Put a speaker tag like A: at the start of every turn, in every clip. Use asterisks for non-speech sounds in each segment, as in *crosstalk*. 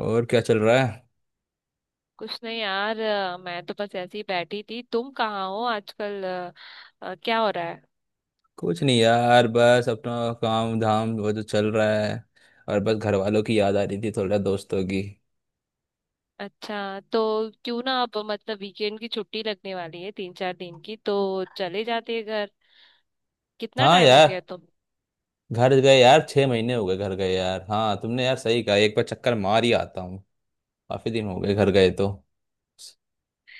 A: और क्या चल रहा है?
B: कुछ नहीं यार, मैं तो बस ऐसे ही बैठी थी। तुम कहाँ हो आजकल? क्या हो रहा है?
A: कुछ नहीं यार, बस अपना काम धाम वो जो चल रहा है। और बस घर वालों की याद आ रही थी, थोड़ा दोस्तों की।
B: अच्छा, तो क्यों ना अब मतलब वीकेंड की छुट्टी लगने वाली है तीन चार दिन की, तो चले जाते हैं घर। कितना
A: हाँ
B: टाइम हो गया
A: यार,
B: तुम।
A: घर गए यार 6 महीने हो गए घर गए यार। हाँ तुमने यार सही कहा, एक बार चक्कर मार ही आता हूँ। काफी दिन हो गए घर गए, तो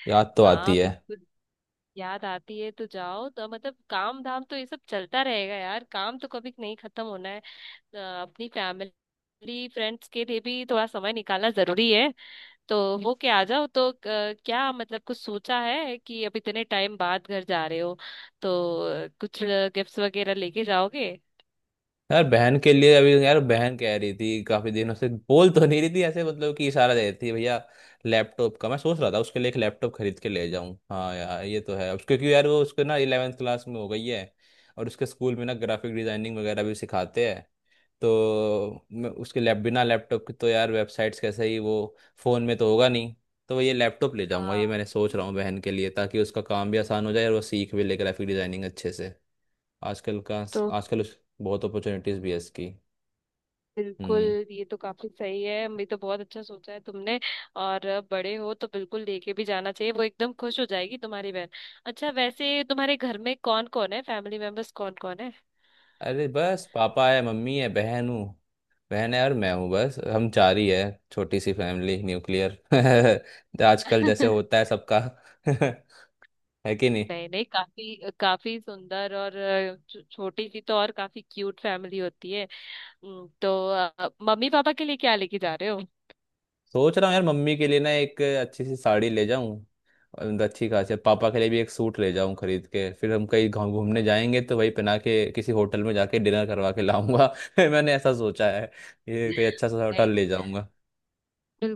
A: याद तो आती
B: हाँ
A: है।
B: बिल्कुल। याद आती है तो जाओ तो मतलब काम धाम तो ये सब चलता रहेगा यार। काम तो कभी नहीं खत्म होना है। अपनी फैमिली फ्रेंड्स के लिए भी थोड़ा समय निकालना जरूरी है। तो हो के आ जाओ तो क्या मतलब कुछ सोचा है कि अब इतने टाइम बाद घर जा रहे हो, तो कुछ गिफ्ट्स वगैरह लेके जाओगे?
A: यार बहन के लिए, अभी यार बहन कह रही थी काफी दिनों से, बोल तो नहीं रही थी ऐसे, मतलब कि इशारा दे रही थी, भैया लैपटॉप का मैं सोच रहा था, उसके लिए एक लैपटॉप खरीद के ले जाऊं। हाँ यार ये तो है उसके, क्योंकि यार वो उसको ना इलेवेंथ क्लास में हो गई है, और उसके स्कूल में ना ग्राफिक डिजाइनिंग वगैरह भी सिखाते हैं। तो मैं उसके लैप बिना लैपटॉप के तो यार वेबसाइट्स कैसे ही वो, फोन में तो होगा नहीं। तो ये लैपटॉप ले जाऊंगा, ये
B: हाँ
A: मैंने सोच रहा हूँ बहन के लिए, ताकि उसका काम भी आसान हो जाए और वो सीख भी ले ग्राफिक डिजाइनिंग अच्छे से, आजकल का।
B: तो
A: आजकल उस बहुत अपॉर्चुनिटीज भी है इसकी।
B: बिल्कुल।
A: हम्म।
B: ये तो काफी सही है, मैं तो बहुत अच्छा सोचा है तुमने। और बड़े हो तो बिल्कुल लेके भी जाना चाहिए। वो एकदम खुश हो जाएगी तुम्हारी बहन। अच्छा, वैसे तुम्हारे घर में कौन कौन है? फैमिली मेंबर्स कौन कौन है?
A: अरे बस, पापा है, मम्मी है, बहन हूँ, बहन है और मैं हूँ, बस हम चार ही है। छोटी सी फैमिली, न्यूक्लियर। *laughs* आजकल जैसे होता है
B: *laughs*
A: सबका। *laughs* है कि नहीं?
B: नहीं नहीं, काफी काफी सुंदर और छोटी सी तो और काफी क्यूट फैमिली होती है। तो मम्मी पापा के लिए क्या लेके जा रहे हो?
A: सोच रहा हूँ यार, मम्मी के लिए ना एक अच्छी सी साड़ी ले जाऊँ और अच्छी खासी पापा के लिए भी एक सूट ले जाऊँ खरीद के। फिर हम कहीं घूमने जाएंगे, तो वही पहना के किसी होटल में जाके डिनर करवा के लाऊंगा। *laughs* मैंने ऐसा सोचा है, ये कोई अच्छा सा होटल
B: नहीं,
A: ले जाऊंगा।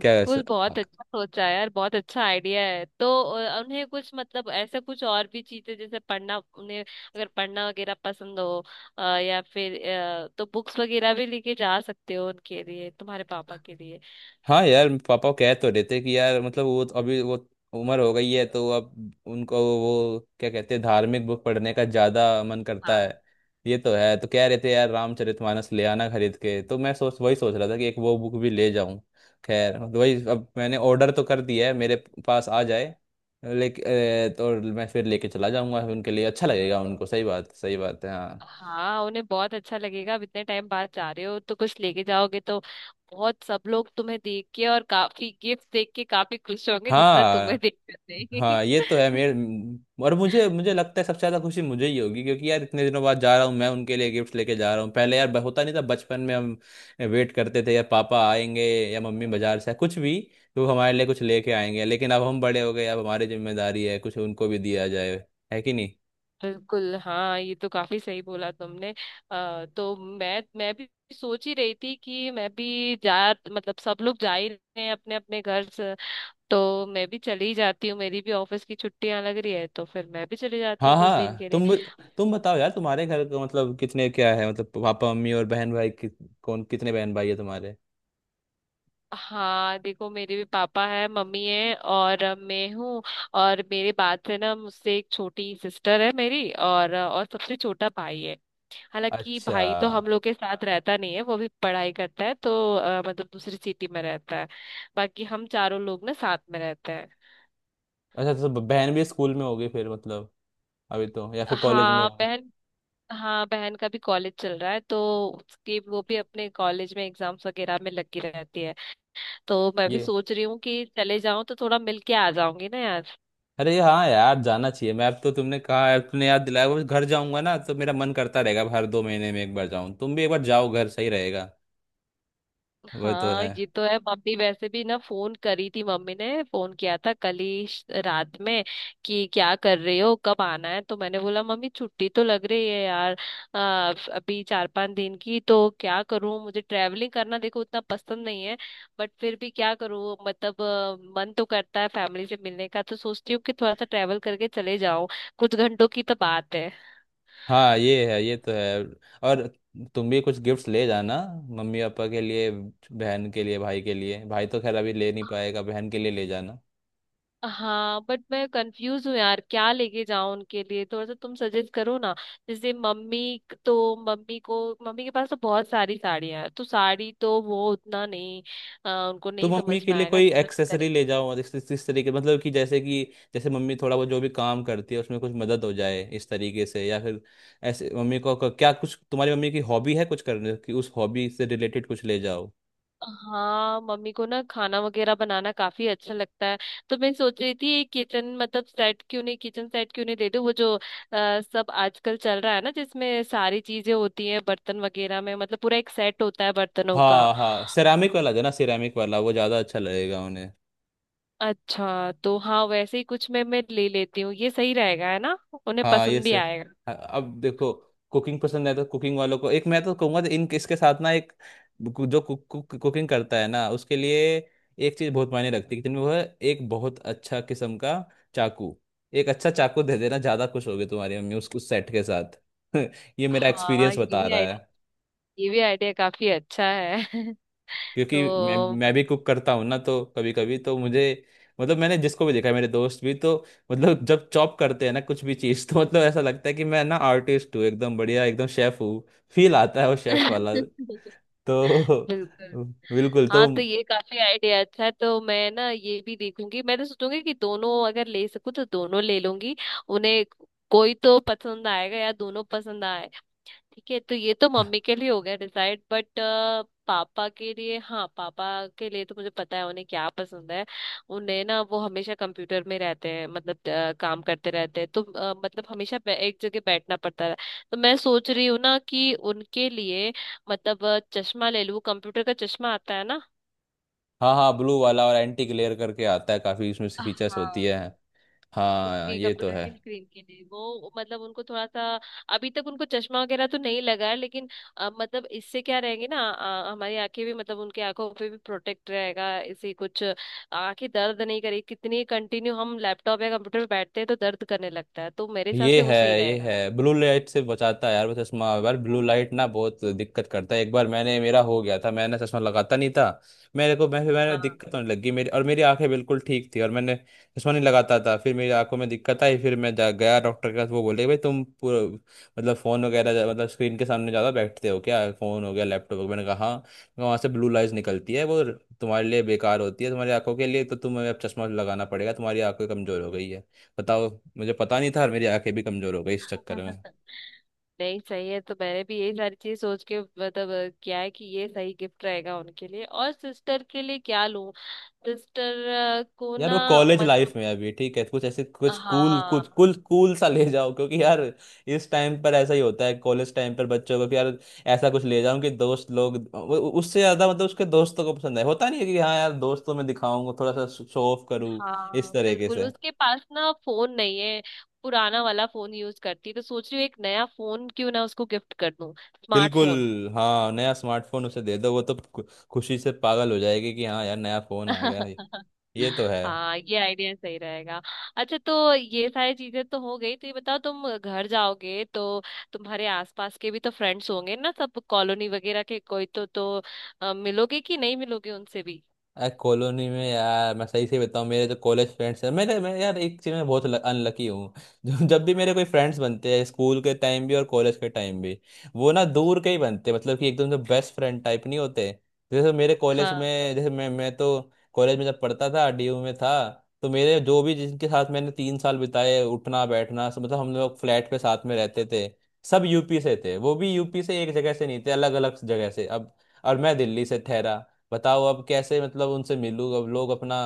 A: क्या ऐसा?
B: बहुत अच्छा सोचा है यार, बहुत अच्छा आइडिया है। तो उन्हें कुछ मतलब ऐसा कुछ और भी चीजें जैसे पढ़ना, उन्हें अगर पढ़ना वगैरह पसंद हो, या फिर तो बुक्स वगैरह भी लेके जा सकते हो उनके लिए, तुम्हारे पापा के लिए।
A: हाँ यार पापा कह तो रहे थे कि यार, मतलब वो तो अभी वो उम्र हो गई है, तो अब उनको वो क्या कहते हैं, धार्मिक बुक पढ़ने का ज्यादा मन करता है। ये तो है, तो कह रहे थे यार रामचरितमानस ले आना खरीद के। तो मैं सोच वही सोच रहा था कि एक वो बुक भी ले जाऊं। खैर तो वही, अब मैंने ऑर्डर तो कर दिया है, मेरे पास आ जाए लेकिन, तो मैं फिर लेके चला जाऊंगा, उनके लिए अच्छा लगेगा। उनको सही बात, सही बात है हाँ।
B: हाँ, उन्हें बहुत अच्छा लगेगा। अब इतने टाइम बाद जा रहे हो तो कुछ लेके जाओगे तो बहुत सब लोग तुम्हें देख के और काफी गिफ्ट देख के काफी खुश होंगे, जितना तुम्हें
A: हाँ
B: देख कर थे।
A: हाँ, ये तो है मेरे।
B: *laughs*
A: और मुझे मुझे लगता है सबसे ज्यादा खुशी मुझे ही होगी, क्योंकि यार इतने दिनों बाद जा रहा हूँ, मैं उनके लिए गिफ्ट लेके जा रहा हूँ। पहले यार होता नहीं था बचपन में, हम वेट करते थे यार पापा आएंगे या मम्मी बाजार से कुछ भी, तो वो हमारे लिए कुछ लेके आएंगे। लेकिन अब हम बड़े हो गए, अब हमारी जिम्मेदारी है कुछ उनको भी दिया जाए, है कि नहीं?
B: बिल्कुल हाँ, ये तो काफी सही बोला तुमने। तो मैं भी सोच ही रही थी कि मैं भी जा मतलब सब लोग जा ही रहे हैं अपने अपने घर से, तो मैं भी चली जाती हूँ। मेरी भी ऑफिस की छुट्टियां लग रही है तो फिर मैं भी चली जाती
A: हाँ
B: हूँ कुछ दिन
A: हाँ,
B: के लिए।
A: तुम बताओ यार, तुम्हारे घर का मतलब कितने, क्या है मतलब, पापा मम्मी और बहन भाई कौन कितने बहन भाई है तुम्हारे?
B: हाँ देखो, मेरे भी पापा है, मम्मी है और मैं हूँ। और मेरे बाद से ना, मुझसे एक छोटी सिस्टर है मेरी, और सबसे छोटा भाई है। हालांकि
A: अच्छा।
B: भाई तो हम लोग के साथ रहता नहीं है, वो भी पढ़ाई करता है तो मतलब दूसरी सिटी में रहता है। बाकी हम चारों लोग ना साथ में रहते हैं।
A: अच्छा तो बहन भी स्कूल में होगी फिर, मतलब अभी तो, या फिर कॉलेज में
B: हाँ
A: होगे?
B: बहन हाँ, बहन का भी कॉलेज चल रहा है तो उसके वो भी अपने कॉलेज में एग्जाम्स वगैरह में लगी रहती है। तो मैं भी
A: ये
B: सोच रही हूँ कि चले जाऊं तो थोड़ा मिल के आ जाऊंगी ना यार।
A: अरे हाँ यार, जाना चाहिए। मैं अब तो, तुमने कहा अब, तुमने याद दिलाया। बस घर जाऊंगा ना, तो मेरा मन करता रहेगा। अब हर 2 महीने में एक बार जाऊं, तुम भी एक बार जाओ घर, सही रहेगा। वो तो
B: हाँ
A: है।
B: ये तो है। मम्मी वैसे भी ना फोन करी थी, मम्मी ने फोन किया था कल ही रात में कि क्या कर रहे हो, कब आना है। तो मैंने बोला मम्मी छुट्टी तो लग रही है यार। अभी चार पांच दिन की तो क्या करूँ? मुझे ट्रैवलिंग करना देखो उतना पसंद नहीं है। बट फिर भी क्या करूँ, मतलब मन तो करता है फैमिली से मिलने का, तो सोचती हूँ कि थोड़ा सा ट्रैवल करके चले जाऊं, कुछ घंटों की तो बात है।
A: हाँ ये है, ये तो है। और तुम भी कुछ गिफ्ट्स ले जाना मम्मी पापा के लिए, बहन के लिए, भाई के लिए। भाई तो खैर अभी ले नहीं पाएगा, बहन के लिए ले जाना।
B: हाँ बट मैं कंफ्यूज हूँ यार, क्या लेके जाऊं उनके लिए? थोड़ा सा तुम सजेस्ट करो ना। जैसे मम्मी, तो मम्मी को, मम्मी के पास तो बहुत सारी साड़ियां हैं तो साड़ी तो वो उतना नहीं, उनको
A: तो
B: नहीं
A: मम्मी
B: समझ
A: के
B: में
A: लिए
B: आएगा,
A: कोई
B: नहीं पसंद
A: एक्सेसरी
B: करेगी।
A: ले जाओ, और इस तरीके, मतलब कि जैसे कि, जैसे मम्मी थोड़ा वो जो भी काम करती है उसमें कुछ मदद हो जाए इस तरीके से, या फिर ऐसे मम्मी को क्या कुछ तुम्हारी मम्मी की हॉबी है कुछ करने की, उस हॉबी से रिलेटेड कुछ ले जाओ।
B: हाँ, मम्मी को ना खाना वगैरह बनाना काफी अच्छा लगता है। तो मैं सोच रही थी एक किचन मतलब सेट क्यों नहीं, किचन सेट क्यों नहीं दे दूं, वो जो सब आजकल चल रहा है ना, जिसमें सारी चीजें होती हैं बर्तन वगैरह में, मतलब पूरा एक सेट होता है बर्तनों का।
A: हाँ हाँ, सेरामिक वाला जो ना, सेरामिक वाला वो ज़्यादा अच्छा लगेगा उन्हें।
B: अच्छा तो हाँ, वैसे ही कुछ मैं ले लेती हूँ। ये सही रहेगा है ना, उन्हें
A: हाँ ये
B: पसंद भी
A: सही।
B: आएगा।
A: हाँ, अब देखो, कुकिंग पसंद है तो कुकिंग वालों को, एक मैं तो कहूंगा तो इन इसके साथ ना एक जो कुक, कुक, कुकिंग करता है ना उसके लिए एक चीज बहुत मायने रखती है, कि वो है एक बहुत अच्छा किस्म का चाकू। एक अच्छा चाकू दे देना, ज्यादा खुश होगी तुम्हारी मम्मी उस सेट के साथ। *laughs* ये मेरा
B: हाँ,
A: एक्सपीरियंस बता रहा,
B: ये भी आइडिया काफी अच्छा है। *laughs*
A: क्योंकि
B: तो
A: मैं भी कुक करता हूँ ना, तो कभी कभी तो मुझे, मतलब मैंने जिसको भी देखा है, मेरे दोस्त भी तो, मतलब जब चॉप करते हैं ना कुछ भी चीज़, *laughs* तो मतलब ऐसा लगता है कि मैं ना आर्टिस्ट हूँ एकदम, बढ़िया एकदम शेफ हूँ। फील आता है वो शेफ वाला।
B: बिल्कुल
A: तो, *laughs* बिल्कुल
B: हाँ,
A: तो।
B: तो ये काफी आइडिया अच्छा है। तो मैं ना ये भी देखूंगी, मैं तो सोचूंगी कि दोनों अगर ले सकूँ तो दोनों ले लूंगी उन्हें। कोई तो पसंद आएगा, या दोनों पसंद आए। ठीक है, तो ये तो मम्मी के लिए हो गया डिसाइड। बट पापा के लिए तो मुझे पता है उन्हें क्या पसंद है। उन्हें ना वो हमेशा कंप्यूटर में रहते हैं, मतलब काम करते रहते हैं तो मतलब हमेशा एक जगह बैठना पड़ता है। तो मैं सोच रही हूँ ना कि उनके लिए, मतलब चश्मा ले लूँ, कंप्यूटर का चश्मा आता है ना।
A: हाँ हाँ, ब्लू वाला और एंटी ग्लेयर करके आता है, काफ़ी उसमें फीचर्स होती
B: हाँ,
A: है। हाँ
B: उसकी
A: ये तो
B: कंप्यूटर
A: है।
B: की स्क्रीन के लिए वो मतलब उनको थोड़ा सा। अभी तक उनको चश्मा वगैरह तो नहीं लगा है, लेकिन मतलब इससे क्या रहेंगे ना, हमारी आंखें भी मतलब उनकी आंखों पे भी प्रोटेक्ट रहेगा इसे कुछ, आंखें दर्द नहीं करेगी। कितनी कंटिन्यू हम लैपटॉप या कंप्यूटर पे बैठते हैं तो दर्द करने लगता है, तो मेरे हिसाब
A: ये
B: से वो
A: है
B: सही
A: ये
B: रहेगा।
A: है ब्लू लाइट से बचाता है यार, वो चश्मा। यार ब्लू लाइट ना बहुत दिक्कत करता है। एक बार मैंने, मेरा हो गया था, मैंने चश्मा लगाता नहीं था, मेरे को, मैं फिर मैंने
B: हाँ।
A: दिक्कत होने लगी, मेरी और मेरी आंखें बिल्कुल ठीक थी और मैंने चश्मा नहीं लगाता था, फिर मेरी आंखों में दिक्कत आई, फिर मैं जा गया डॉक्टर के पास। वो बोले, भाई तुम पूरा मतलब फ़ोन वगैरह मतलब स्क्रीन के सामने ज़्यादा बैठते हो क्या, फ़ोन हो गया लैपटॉप हो गया। मैंने कहा हाँ। तो वहाँ से ब्लू लाइट निकलती है, वो तुम्हारे लिए बेकार होती है, तुम्हारी आंखों के लिए। तो तुम्हें अब चश्मा लगाना पड़ेगा, तुम्हारी आंखें कमज़ोर हो गई है। बताओ। मुझे पता नहीं था, और मेरी आंखें भी कमजोर हो गई इस चक्कर में।
B: *laughs* नहीं सही है, तो मैंने भी यही सारी चीज सोच के मतलब किया है कि ये सही गिफ्ट रहेगा उनके लिए। और सिस्टर के लिए क्या लूं? सिस्टर को
A: यार
B: ना
A: वो कॉलेज लाइफ
B: मतलब,
A: में अभी ठीक है, कुछ ऐसे कुछ कूल, कुछ
B: हाँ
A: कुल कूल सा ले जाओ क्योंकि यार, इस टाइम पर ऐसा ही होता है कॉलेज टाइम पर बच्चों को, कि यार ऐसा कुछ ले जाऊं कि दोस्त लोग उससे ज्यादा, मतलब उसके दोस्तों को पसंद है, होता नहीं है कि हाँ यार दोस्तों में दिखाऊंगा थोड़ा सा, शो ऑफ करूँ इस
B: हाँ
A: तरीके
B: बिल्कुल,
A: से।
B: उसके पास ना फोन नहीं है। पुराना वाला फोन यूज करती है, तो सोच रही हूँ एक नया फोन क्यों ना उसको गिफ्ट कर दूं,
A: बिल्कुल।
B: स्मार्टफोन।
A: हाँ, नया स्मार्टफोन उसे दे दो, वो तो खुशी से पागल हो जाएगी कि हाँ यार नया फोन आ गया है।
B: *laughs*
A: ये तो है।
B: हाँ, ये आइडिया सही रहेगा। अच्छा, तो ये सारी चीजें तो हो गई। तो ये बताओ, तुम घर जाओगे तो तुम्हारे आसपास के भी तो फ्रेंड्स होंगे ना, सब कॉलोनी वगैरह के, कोई तो मिलोगे कि नहीं मिलोगे उनसे भी?
A: यार कॉलोनी में, यार मैं सही से बताऊँ, मेरे जो कॉलेज फ्रेंड्स हैं मेरे, मैं यार एक चीज़ में बहुत अनलकी हूँ। *laughs* जो जब भी मेरे कोई फ्रेंड्स बनते हैं स्कूल के टाइम भी और कॉलेज के टाइम भी, वो ना दूर के ही बनते हैं, मतलब कि एकदम से बेस्ट फ्रेंड टाइप नहीं होते। जैसे मेरे कॉलेज
B: हाँ।
A: में, जैसे मैं तो कॉलेज में जब पढ़ता था, डीयू में था, तो मेरे जो भी जिनके साथ मैंने 3 साल बिताए, उठना बैठना मतलब हम लोग फ्लैट पे साथ में रहते थे। सब यूपी से थे, वो भी यूपी से एक जगह से नहीं थे, अलग अलग जगह से। अब और मैं दिल्ली से ठहरा। बताओ, अब कैसे मतलब उनसे मिलूँ? अब लोग अपना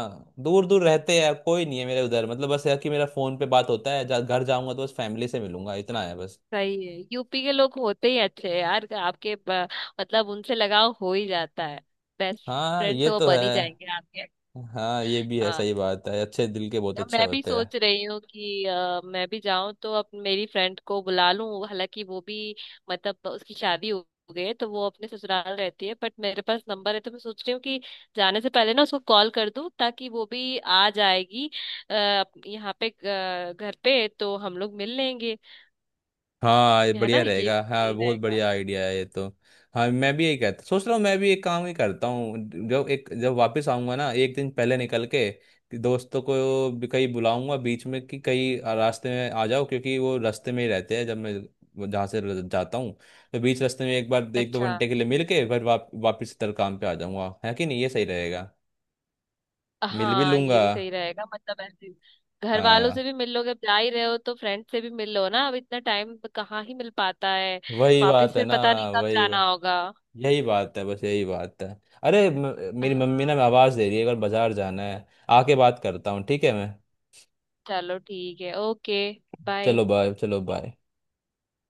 A: दूर दूर रहते हैं, कोई नहीं है मेरे उधर, मतलब बस है कि मेरा फोन पे बात होता है। घर जाऊंगा तो बस फैमिली से मिलूंगा, इतना है बस।
B: सही है, यूपी के लोग होते ही अच्छे हैं यार। आपके मतलब उनसे लगाव हो ही जाता है। बेस्ट
A: हाँ
B: फ्रेंड
A: ये
B: तो वो
A: तो है।
B: बन ही जाएंगे आपके।
A: हाँ ये भी है,
B: हाँ,
A: सही बात है, अच्छे दिल के बहुत
B: अब
A: अच्छे
B: मैं भी
A: होते हैं।
B: सोच रही हूँ कि मैं भी जाऊं तो अब मेरी फ्रेंड को बुला लूं। हालांकि वो भी मतलब उसकी शादी हो गई है, तो वो अपने ससुराल रहती है, बट मेरे पास नंबर है। तो मैं सोच रही हूँ कि जाने से पहले ना उसको कॉल कर दूं ताकि वो भी आ जाएगी अ, यहाँ पे घर पे, तो हम लोग मिल लेंगे।
A: हाँ ये
B: है ना,
A: बढ़िया
B: ये
A: रहेगा, हाँ
B: सही
A: बहुत
B: रहेगा।
A: बढ़िया आइडिया है ये तो। हाँ मैं भी यही कहता सोच रहा हूँ, मैं भी एक काम ही करता हूँ। जब वापस आऊंगा ना, एक दिन पहले निकल के कि दोस्तों को भी कहीं बुलाऊंगा बीच में, कि कहीं रास्ते में आ जाओ, क्योंकि वो रास्ते में ही रहते हैं जब मैं वो जहाँ से जाता हूँ। तो बीच रास्ते में एक बार एक दो
B: अच्छा।
A: घंटे के लिए मिल के, फिर वापस इधर काम पे आ जाऊंगा। है कि नहीं, ये सही रहेगा? मिल भी
B: हाँ ये
A: लूंगा।
B: भी सही रहेगा, मतलब ऐसे घर वालों से
A: हाँ
B: भी मिल लोगे, अब जा ही रहे हो तो फ्रेंड से भी मिल लो ना, अब इतना टाइम कहाँ ही मिल पाता है।
A: वही
B: वापस
A: बात है
B: फिर
A: ना।
B: पता नहीं कब
A: वही
B: जाना होगा।
A: यही बात है, बस यही बात है। अरे मेरी मम्मी
B: हाँ
A: ना मैं आवाज़ दे रही है, अगर बाजार जाना है। आके बात करता हूँ ठीक है मैं।
B: चलो ठीक है, ओके, बाय।
A: चलो बाय, चलो बाय।